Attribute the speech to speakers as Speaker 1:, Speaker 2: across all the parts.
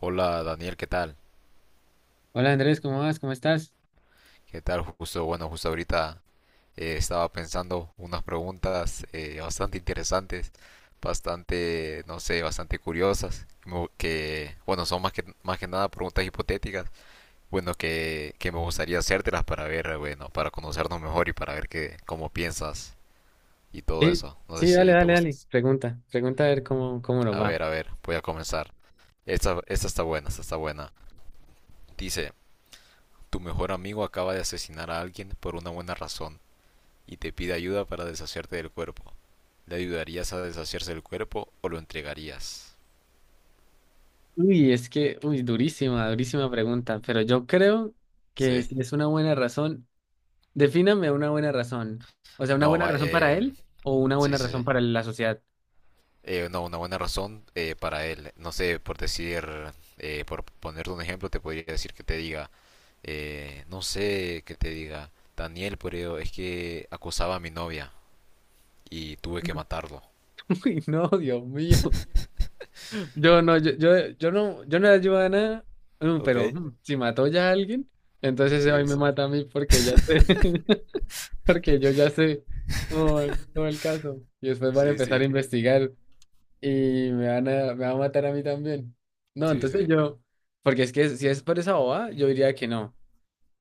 Speaker 1: Hola Daniel, ¿qué tal?
Speaker 2: Hola Andrés, ¿cómo vas? ¿Cómo estás?
Speaker 1: ¿Qué tal? Justo, bueno, justo ahorita estaba pensando unas preguntas bastante interesantes, bastante, no sé, bastante curiosas, como que, bueno, son más que nada preguntas hipotéticas, bueno, que me gustaría hacértelas para ver, bueno, para conocernos mejor y para ver qué, cómo piensas y todo
Speaker 2: Sí,
Speaker 1: eso. No sé
Speaker 2: sí, dale,
Speaker 1: si te
Speaker 2: dale,
Speaker 1: gusta.
Speaker 2: dale. Pregunta, pregunta a ver cómo nos va.
Speaker 1: A ver, voy a comenzar. Esta está buena, esta está buena. Dice, tu mejor amigo acaba de asesinar a alguien por una buena razón y te pide ayuda para deshacerte del cuerpo. ¿Le ayudarías a deshacerse del cuerpo o lo entregarías?
Speaker 2: Uy, es que, uy, durísima, durísima pregunta, pero yo creo que
Speaker 1: ¿Sí?
Speaker 2: si es una buena razón, defíname una buena razón. O sea, ¿una
Speaker 1: No,
Speaker 2: buena
Speaker 1: va,
Speaker 2: razón para él o una
Speaker 1: sí,
Speaker 2: buena
Speaker 1: sí,
Speaker 2: razón
Speaker 1: sí.
Speaker 2: para la sociedad?
Speaker 1: No, una buena razón para él. No sé, por decir, por ponerte un ejemplo, te podría decir que te diga, no sé, que te diga, Daniel, pero es que acosaba a mi novia y tuve que
Speaker 2: Mm.
Speaker 1: matarlo.
Speaker 2: Uy, no, Dios mío. Yo no, yo no, yo no le ayudo a nada,
Speaker 1: Ok,
Speaker 2: pero si mató ya a alguien, entonces hoy
Speaker 1: sí,
Speaker 2: me
Speaker 1: sí,
Speaker 2: mata a mí porque ya sé. Porque yo ya sé todo el caso. Y después van a
Speaker 1: sí,
Speaker 2: empezar
Speaker 1: sí,
Speaker 2: a investigar y me van a matar a mí también. No,
Speaker 1: sí, sí.
Speaker 2: porque es que si es por esa boba, yo diría que no.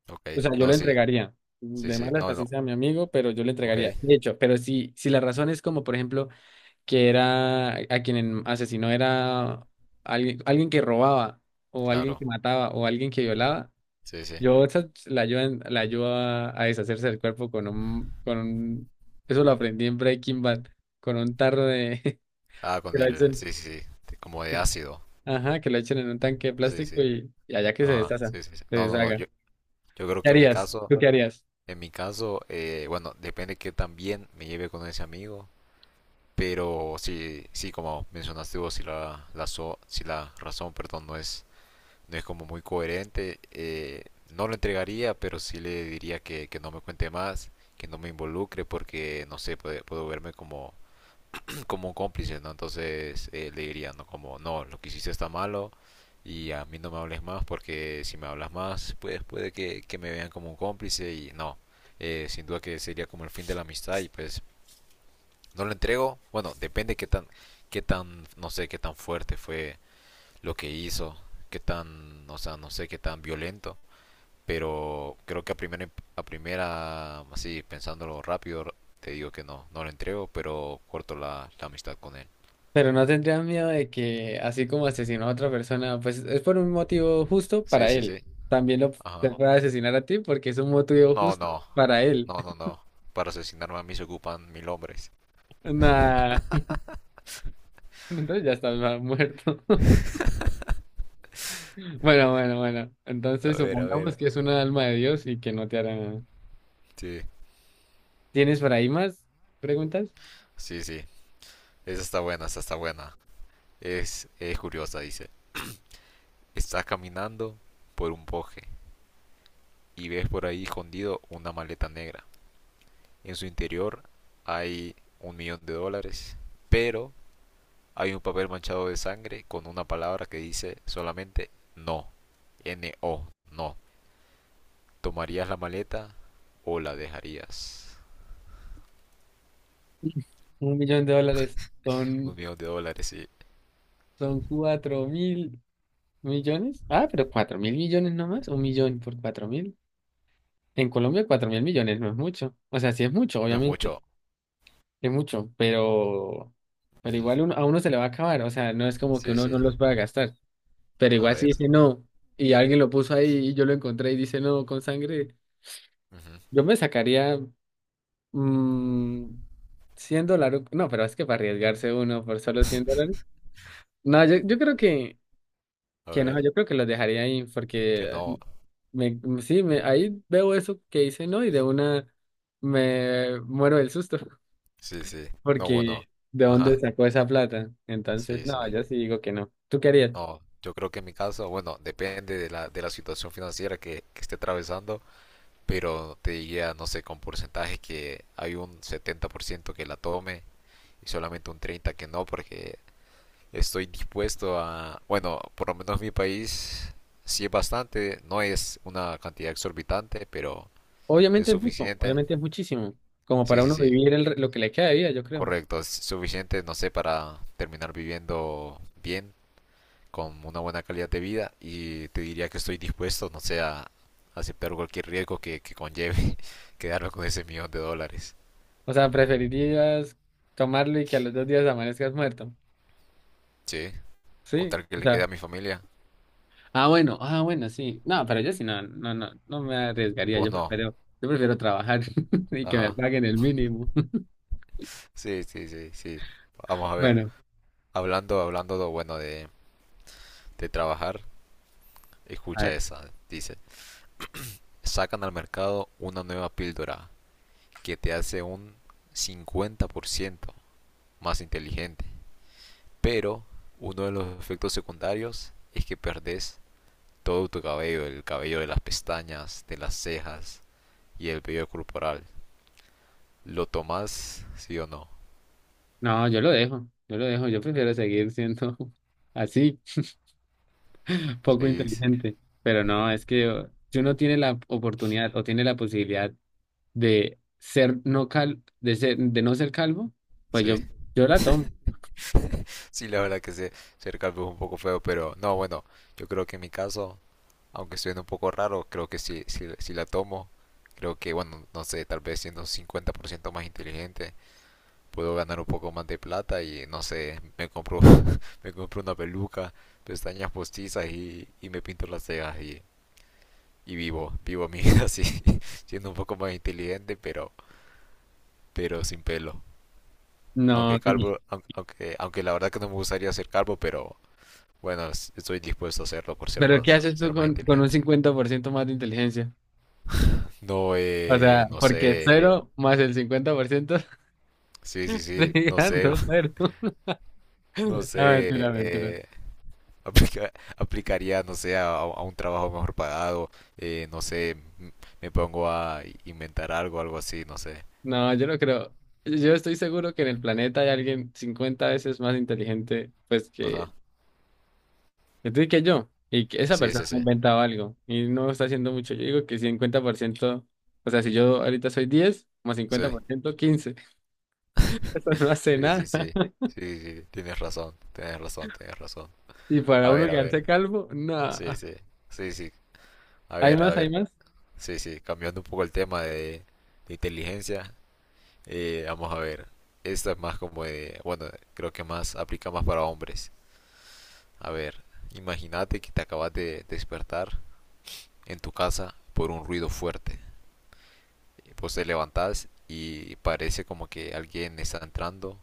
Speaker 1: Ok,
Speaker 2: O sea, yo le
Speaker 1: no, sí,
Speaker 2: entregaría.
Speaker 1: sí,
Speaker 2: De
Speaker 1: sí,
Speaker 2: malas,
Speaker 1: no,
Speaker 2: así
Speaker 1: no,
Speaker 2: sea mi amigo, pero yo le
Speaker 1: ok,
Speaker 2: entregaría. De hecho, pero si la razón es como, por ejemplo, que era a quien asesinó era alguien que robaba, o alguien
Speaker 1: claro,
Speaker 2: que mataba, o alguien que violaba.
Speaker 1: sí, sí.
Speaker 2: Yo esa la ayudo, la ayudo a deshacerse del cuerpo, eso lo aprendí en Breaking Bad, con un tarro de,
Speaker 1: Ah,
Speaker 2: que
Speaker 1: con
Speaker 2: lo
Speaker 1: el.
Speaker 2: echen,
Speaker 1: Sí, sí, sí. Como de
Speaker 2: sí,
Speaker 1: ácido.
Speaker 2: ajá, que lo echen en un tanque de
Speaker 1: Sí,
Speaker 2: plástico
Speaker 1: sí.
Speaker 2: y allá que se
Speaker 1: Ajá.
Speaker 2: deshaga,
Speaker 1: Sí, sí, sí.
Speaker 2: se
Speaker 1: No, no, no.
Speaker 2: deshaga.
Speaker 1: Yo creo
Speaker 2: ¿Qué
Speaker 1: que en mi
Speaker 2: harías?
Speaker 1: caso.
Speaker 2: ¿Tú qué harías?
Speaker 1: En mi caso, bueno, depende que también me lleve con ese amigo. Pero sí, sí, como mencionaste vos, si si la razón, perdón, no es, no es como muy coherente, no lo entregaría, pero sí le diría que no me cuente más, que no me involucre, porque no sé, puede, puedo verme como como un cómplice, ¿no? Entonces le diría, ¿no? Como, no, lo que hiciste está malo y a mí no me hables más porque si me hablas más, pues puede que me vean como un cómplice y no. Sin duda que sería como el fin de la amistad y pues no lo entrego. Bueno, depende qué tan, no sé, qué tan fuerte fue lo que hizo, qué tan, o sea, no sé, qué tan violento. Pero creo que a primera, así pensándolo rápido, te digo que no, no lo entrego, pero corto la, la amistad con él.
Speaker 2: Pero no tendrías miedo de que, así como asesinó a otra persona, pues es por un motivo justo
Speaker 1: Sí,
Speaker 2: para
Speaker 1: sí,
Speaker 2: él.
Speaker 1: sí.
Speaker 2: También lo te
Speaker 1: Ajá.
Speaker 2: puede asesinar a ti porque es un motivo
Speaker 1: No,
Speaker 2: justo
Speaker 1: no.
Speaker 2: para él.
Speaker 1: No, no, no. Para asesinarme a mí se ocupan mil hombres.
Speaker 2: Nah, entonces ya estás muerto. Bueno, bueno, bueno.
Speaker 1: A
Speaker 2: Entonces
Speaker 1: ver, a
Speaker 2: supongamos
Speaker 1: ver.
Speaker 2: que es una alma de Dios y que no te hará nada.
Speaker 1: Sí,
Speaker 2: ¿Tienes por ahí más preguntas?
Speaker 1: sí, sí. Esa está buena, esa está buena. Es curiosa, dice. Estás caminando por un bosque y ves por ahí escondido una maleta negra. En su interior hay un millón de dólares, pero hay un papel manchado de sangre con una palabra que dice solamente no. N-O, no. ¿Tomarías la maleta o la dejarías?
Speaker 2: Un millón de dólares
Speaker 1: Un
Speaker 2: son,
Speaker 1: millón de dólares, sí.
Speaker 2: son 4.000 millones. Ah, pero 4.000 millones nomás. Un millón por 4.000. En Colombia 4.000 millones no es mucho. O sea, sí es mucho,
Speaker 1: No es
Speaker 2: obviamente.
Speaker 1: mucho.
Speaker 2: Es mucho, pero
Speaker 1: Ujú.
Speaker 2: igual a uno se le va a acabar. O sea, no es como que
Speaker 1: Sí,
Speaker 2: uno no
Speaker 1: sí.
Speaker 2: los pueda gastar. Pero
Speaker 1: A
Speaker 2: igual si
Speaker 1: ver.
Speaker 2: dice no y alguien lo puso ahí y yo lo encontré y dice no con sangre,
Speaker 1: Ujú.
Speaker 2: yo me sacaría. Mm, $100. No, pero es que para arriesgarse uno por solo $100. No, yo creo que,
Speaker 1: A
Speaker 2: que no,
Speaker 1: ver.
Speaker 2: yo creo que los dejaría ahí
Speaker 1: Que
Speaker 2: porque
Speaker 1: no.
Speaker 2: me, sí, me, ahí veo eso que hice, ¿no? Y de una me muero del susto.
Speaker 1: Sí, sí. No,
Speaker 2: Porque
Speaker 1: bueno.
Speaker 2: ¿de dónde
Speaker 1: Ajá.
Speaker 2: sacó esa plata? Entonces,
Speaker 1: Sí, sí.
Speaker 2: no, yo sí digo que no. ¿Tú qué harías?
Speaker 1: No, yo creo que en mi caso, bueno, depende de la situación financiera que esté atravesando, pero te diría, no sé, con porcentajes que hay un 70% que la tome y solamente un 30% que no, porque estoy dispuesto a, bueno, por lo menos mi país sí es bastante, no es una cantidad exorbitante, pero es
Speaker 2: Obviamente es mucho,
Speaker 1: suficiente.
Speaker 2: obviamente es muchísimo, como
Speaker 1: Sí,
Speaker 2: para
Speaker 1: sí,
Speaker 2: uno
Speaker 1: sí,
Speaker 2: vivir lo que le queda de vida, yo creo.
Speaker 1: correcto, es suficiente, no sé, para terminar viviendo bien, con una buena calidad de vida y te diría que estoy dispuesto, no sé, a aceptar cualquier riesgo que conlleve quedarme con ese millón de dólares.
Speaker 2: O sea, preferirías tomarlo y que a los 2 días amanezcas muerto.
Speaker 1: Sí,
Speaker 2: Sí.
Speaker 1: contar que le quede a mi familia,
Speaker 2: Ah, bueno, ah, bueno, sí. No, pero yo sí no, no, no, no me arriesgaría.
Speaker 1: pues
Speaker 2: Yo
Speaker 1: no,
Speaker 2: prefiero, yo prefiero trabajar y que me
Speaker 1: ajá,
Speaker 2: paguen el mínimo.
Speaker 1: sí, sí, sí, sí. Vamos a ver,
Speaker 2: Bueno,
Speaker 1: hablando, hablando, bueno, de trabajar,
Speaker 2: a
Speaker 1: escucha
Speaker 2: ver.
Speaker 1: esa, dice, sacan al mercado una nueva píldora que te hace un 50% más inteligente, pero uno de los efectos secundarios es que perdés todo tu cabello, el cabello de las pestañas, de las cejas y el vello corporal. ¿Lo tomás, sí o no?
Speaker 2: No, yo lo dejo, yo lo dejo. Yo prefiero seguir siendo así, poco
Speaker 1: Sí,
Speaker 2: inteligente. Pero no, es que si uno tiene la oportunidad o tiene la posibilidad de no ser calvo, pues yo,
Speaker 1: sí.
Speaker 2: yo la tomo.
Speaker 1: Sí, la verdad que sí. se, ser calvo es un poco feo, pero no, bueno, yo creo que en mi caso aunque suene un poco raro, creo que si, la tomo, creo que, bueno, no sé, tal vez siendo un 50% más inteligente, puedo ganar un poco más de plata y, no sé, me compro, me compro una peluca, pestañas postizas y me pinto las cejas y vivo, vivo mi vida así, siendo un poco más inteligente, pero sin pelo.
Speaker 2: No,
Speaker 1: Aunque calvo, aunque, aunque la verdad que no me gustaría ser calvo, pero bueno, estoy dispuesto a hacerlo por
Speaker 2: pero ¿qué haces tú
Speaker 1: ser más
Speaker 2: con un
Speaker 1: inteligente.
Speaker 2: 50% más de inteligencia?
Speaker 1: No,
Speaker 2: O sea,
Speaker 1: no
Speaker 2: porque
Speaker 1: sé,
Speaker 2: cero más el 50%.
Speaker 1: sí,
Speaker 2: Sí,
Speaker 1: sí, sí, no sé,
Speaker 2: ando, cero.
Speaker 1: no
Speaker 2: No,
Speaker 1: sé,
Speaker 2: mentira, mentira.
Speaker 1: aplicaría, no sé, a un trabajo mejor pagado, no sé, m- me pongo a inventar algo, algo así, no sé.
Speaker 2: No, yo no creo. Yo estoy seguro que en el planeta hay alguien 50 veces más inteligente, pues, que,
Speaker 1: Ajá,
Speaker 2: que tú y que yo. Y que esa
Speaker 1: sí,
Speaker 2: persona
Speaker 1: sí,
Speaker 2: ha
Speaker 1: sí,
Speaker 2: inventado algo. Y no está haciendo mucho. Yo digo que 50%, o sea, si yo ahorita soy 10 más cincuenta
Speaker 1: sí,
Speaker 2: por ciento 15. Eso no hace
Speaker 1: sí, sí,
Speaker 2: nada.
Speaker 1: sí, sí, sí, tienes razón, tienes razón, tienes razón.
Speaker 2: Y para uno
Speaker 1: A ver,
Speaker 2: quedarse calvo, no.
Speaker 1: sí, sí, sí, sí,
Speaker 2: ¿Hay
Speaker 1: a
Speaker 2: más? ¿Hay
Speaker 1: ver,
Speaker 2: más?
Speaker 1: sí, sí, cambiando un poco el tema de inteligencia, vamos a ver, esta es más como de, bueno, creo que más, aplica más para hombres. A ver, imagínate que te acabas de despertar en tu casa por un ruido fuerte. Pues te levantas y parece como que alguien está entrando,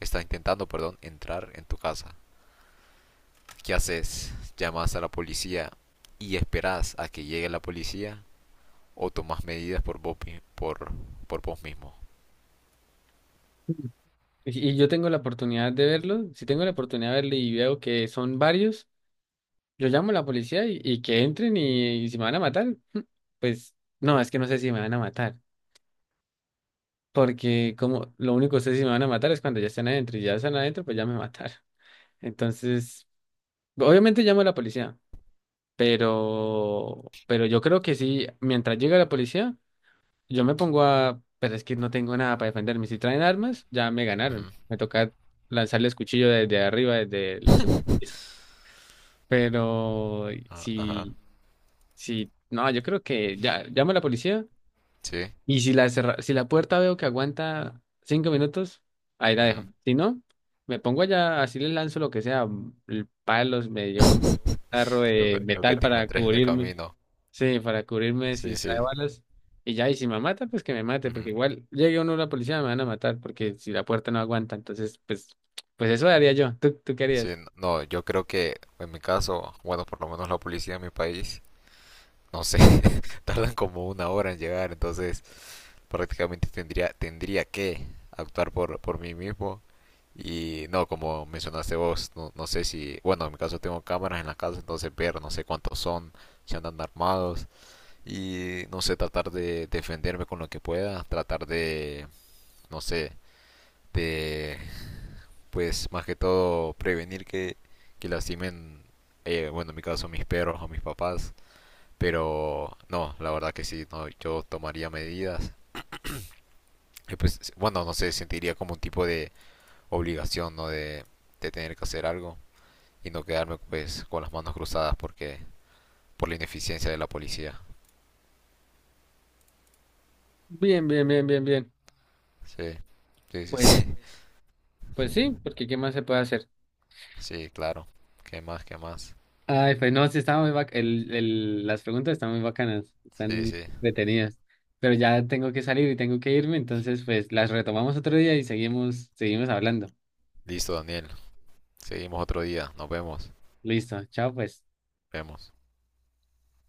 Speaker 1: está intentando, perdón, entrar en tu casa. ¿Qué haces? ¿Llamas a la policía y esperas a que llegue la policía o tomas medidas por vos, por vos mismo?
Speaker 2: Y yo tengo la oportunidad de verlo, si tengo la oportunidad de verlo y veo que son varios, yo llamo a la policía y que entren, y si me van a matar, pues no, es que no sé si me van a matar, porque como lo único que sé si me van a matar es cuando ya están adentro, y ya están adentro, pues ya me mataron. Entonces, obviamente llamo a la policía, pero yo creo que sí, mientras llega la policía, yo me pongo a, pero es que no tengo nada para defenderme. Si traen armas, ya me ganaron.
Speaker 1: Ujú.
Speaker 2: Me toca lanzarles cuchillo desde arriba, Pero
Speaker 1: Ah, ajá,
Speaker 2: si... Sí, no, yo creo que ya llamo a la policía
Speaker 1: sí.
Speaker 2: y si la puerta veo que aguanta 5 minutos, ahí la
Speaker 1: Ujú.
Speaker 2: dejo. Si no, me pongo allá, así le lanzo lo que sea, el palos, me llevo un tarro de
Speaker 1: Lo que
Speaker 2: metal
Speaker 1: te
Speaker 2: para
Speaker 1: encontré en el
Speaker 2: cubrirme,
Speaker 1: camino.
Speaker 2: sí, para cubrirme
Speaker 1: Sí,
Speaker 2: si
Speaker 1: sí.
Speaker 2: trae balas, y ya, y si me mata, pues que me mate,
Speaker 1: Ujú.
Speaker 2: porque igual llegue uno a la policía me van a matar, porque si la puerta no aguanta, entonces, pues eso haría yo. ¿Tú qué
Speaker 1: Sí,
Speaker 2: harías?
Speaker 1: no, yo creo que en mi caso, bueno, por lo menos la policía en mi país, no sé, tardan como una hora en llegar, entonces prácticamente tendría, tendría que actuar por mí mismo. Y no, como mencionaste vos, no, no sé si, bueno, en mi caso tengo cámaras en la casa, entonces ver, no sé cuántos son, si andan armados, y no sé, tratar de defenderme con lo que pueda, tratar de, no sé, de pues más que todo prevenir que lastimen, bueno, en mi caso mis perros o mis papás, pero no, la verdad que sí, no, yo tomaría medidas. Y pues, bueno, no sé, sentiría como un tipo de obligación, ¿no? De tener que hacer algo y no quedarme pues con las manos cruzadas porque por la ineficiencia de la policía.
Speaker 2: Bien, bien, bien, bien, bien.
Speaker 1: Sí, sí, sí,
Speaker 2: Pues,
Speaker 1: sí.
Speaker 2: pues sí, porque ¿qué más se puede hacer?
Speaker 1: Sí, claro. ¿Qué más? ¿Qué más?
Speaker 2: Ay, pues no, sí, estaba muy bac- el- las preguntas están muy bacanas,
Speaker 1: Sí,
Speaker 2: están
Speaker 1: sí.
Speaker 2: detenidas, pero ya tengo que salir y tengo que irme, entonces pues las retomamos otro día y seguimos hablando.
Speaker 1: Listo, Daniel. Seguimos otro día. Nos vemos.
Speaker 2: Listo, chao pues.
Speaker 1: Vemos.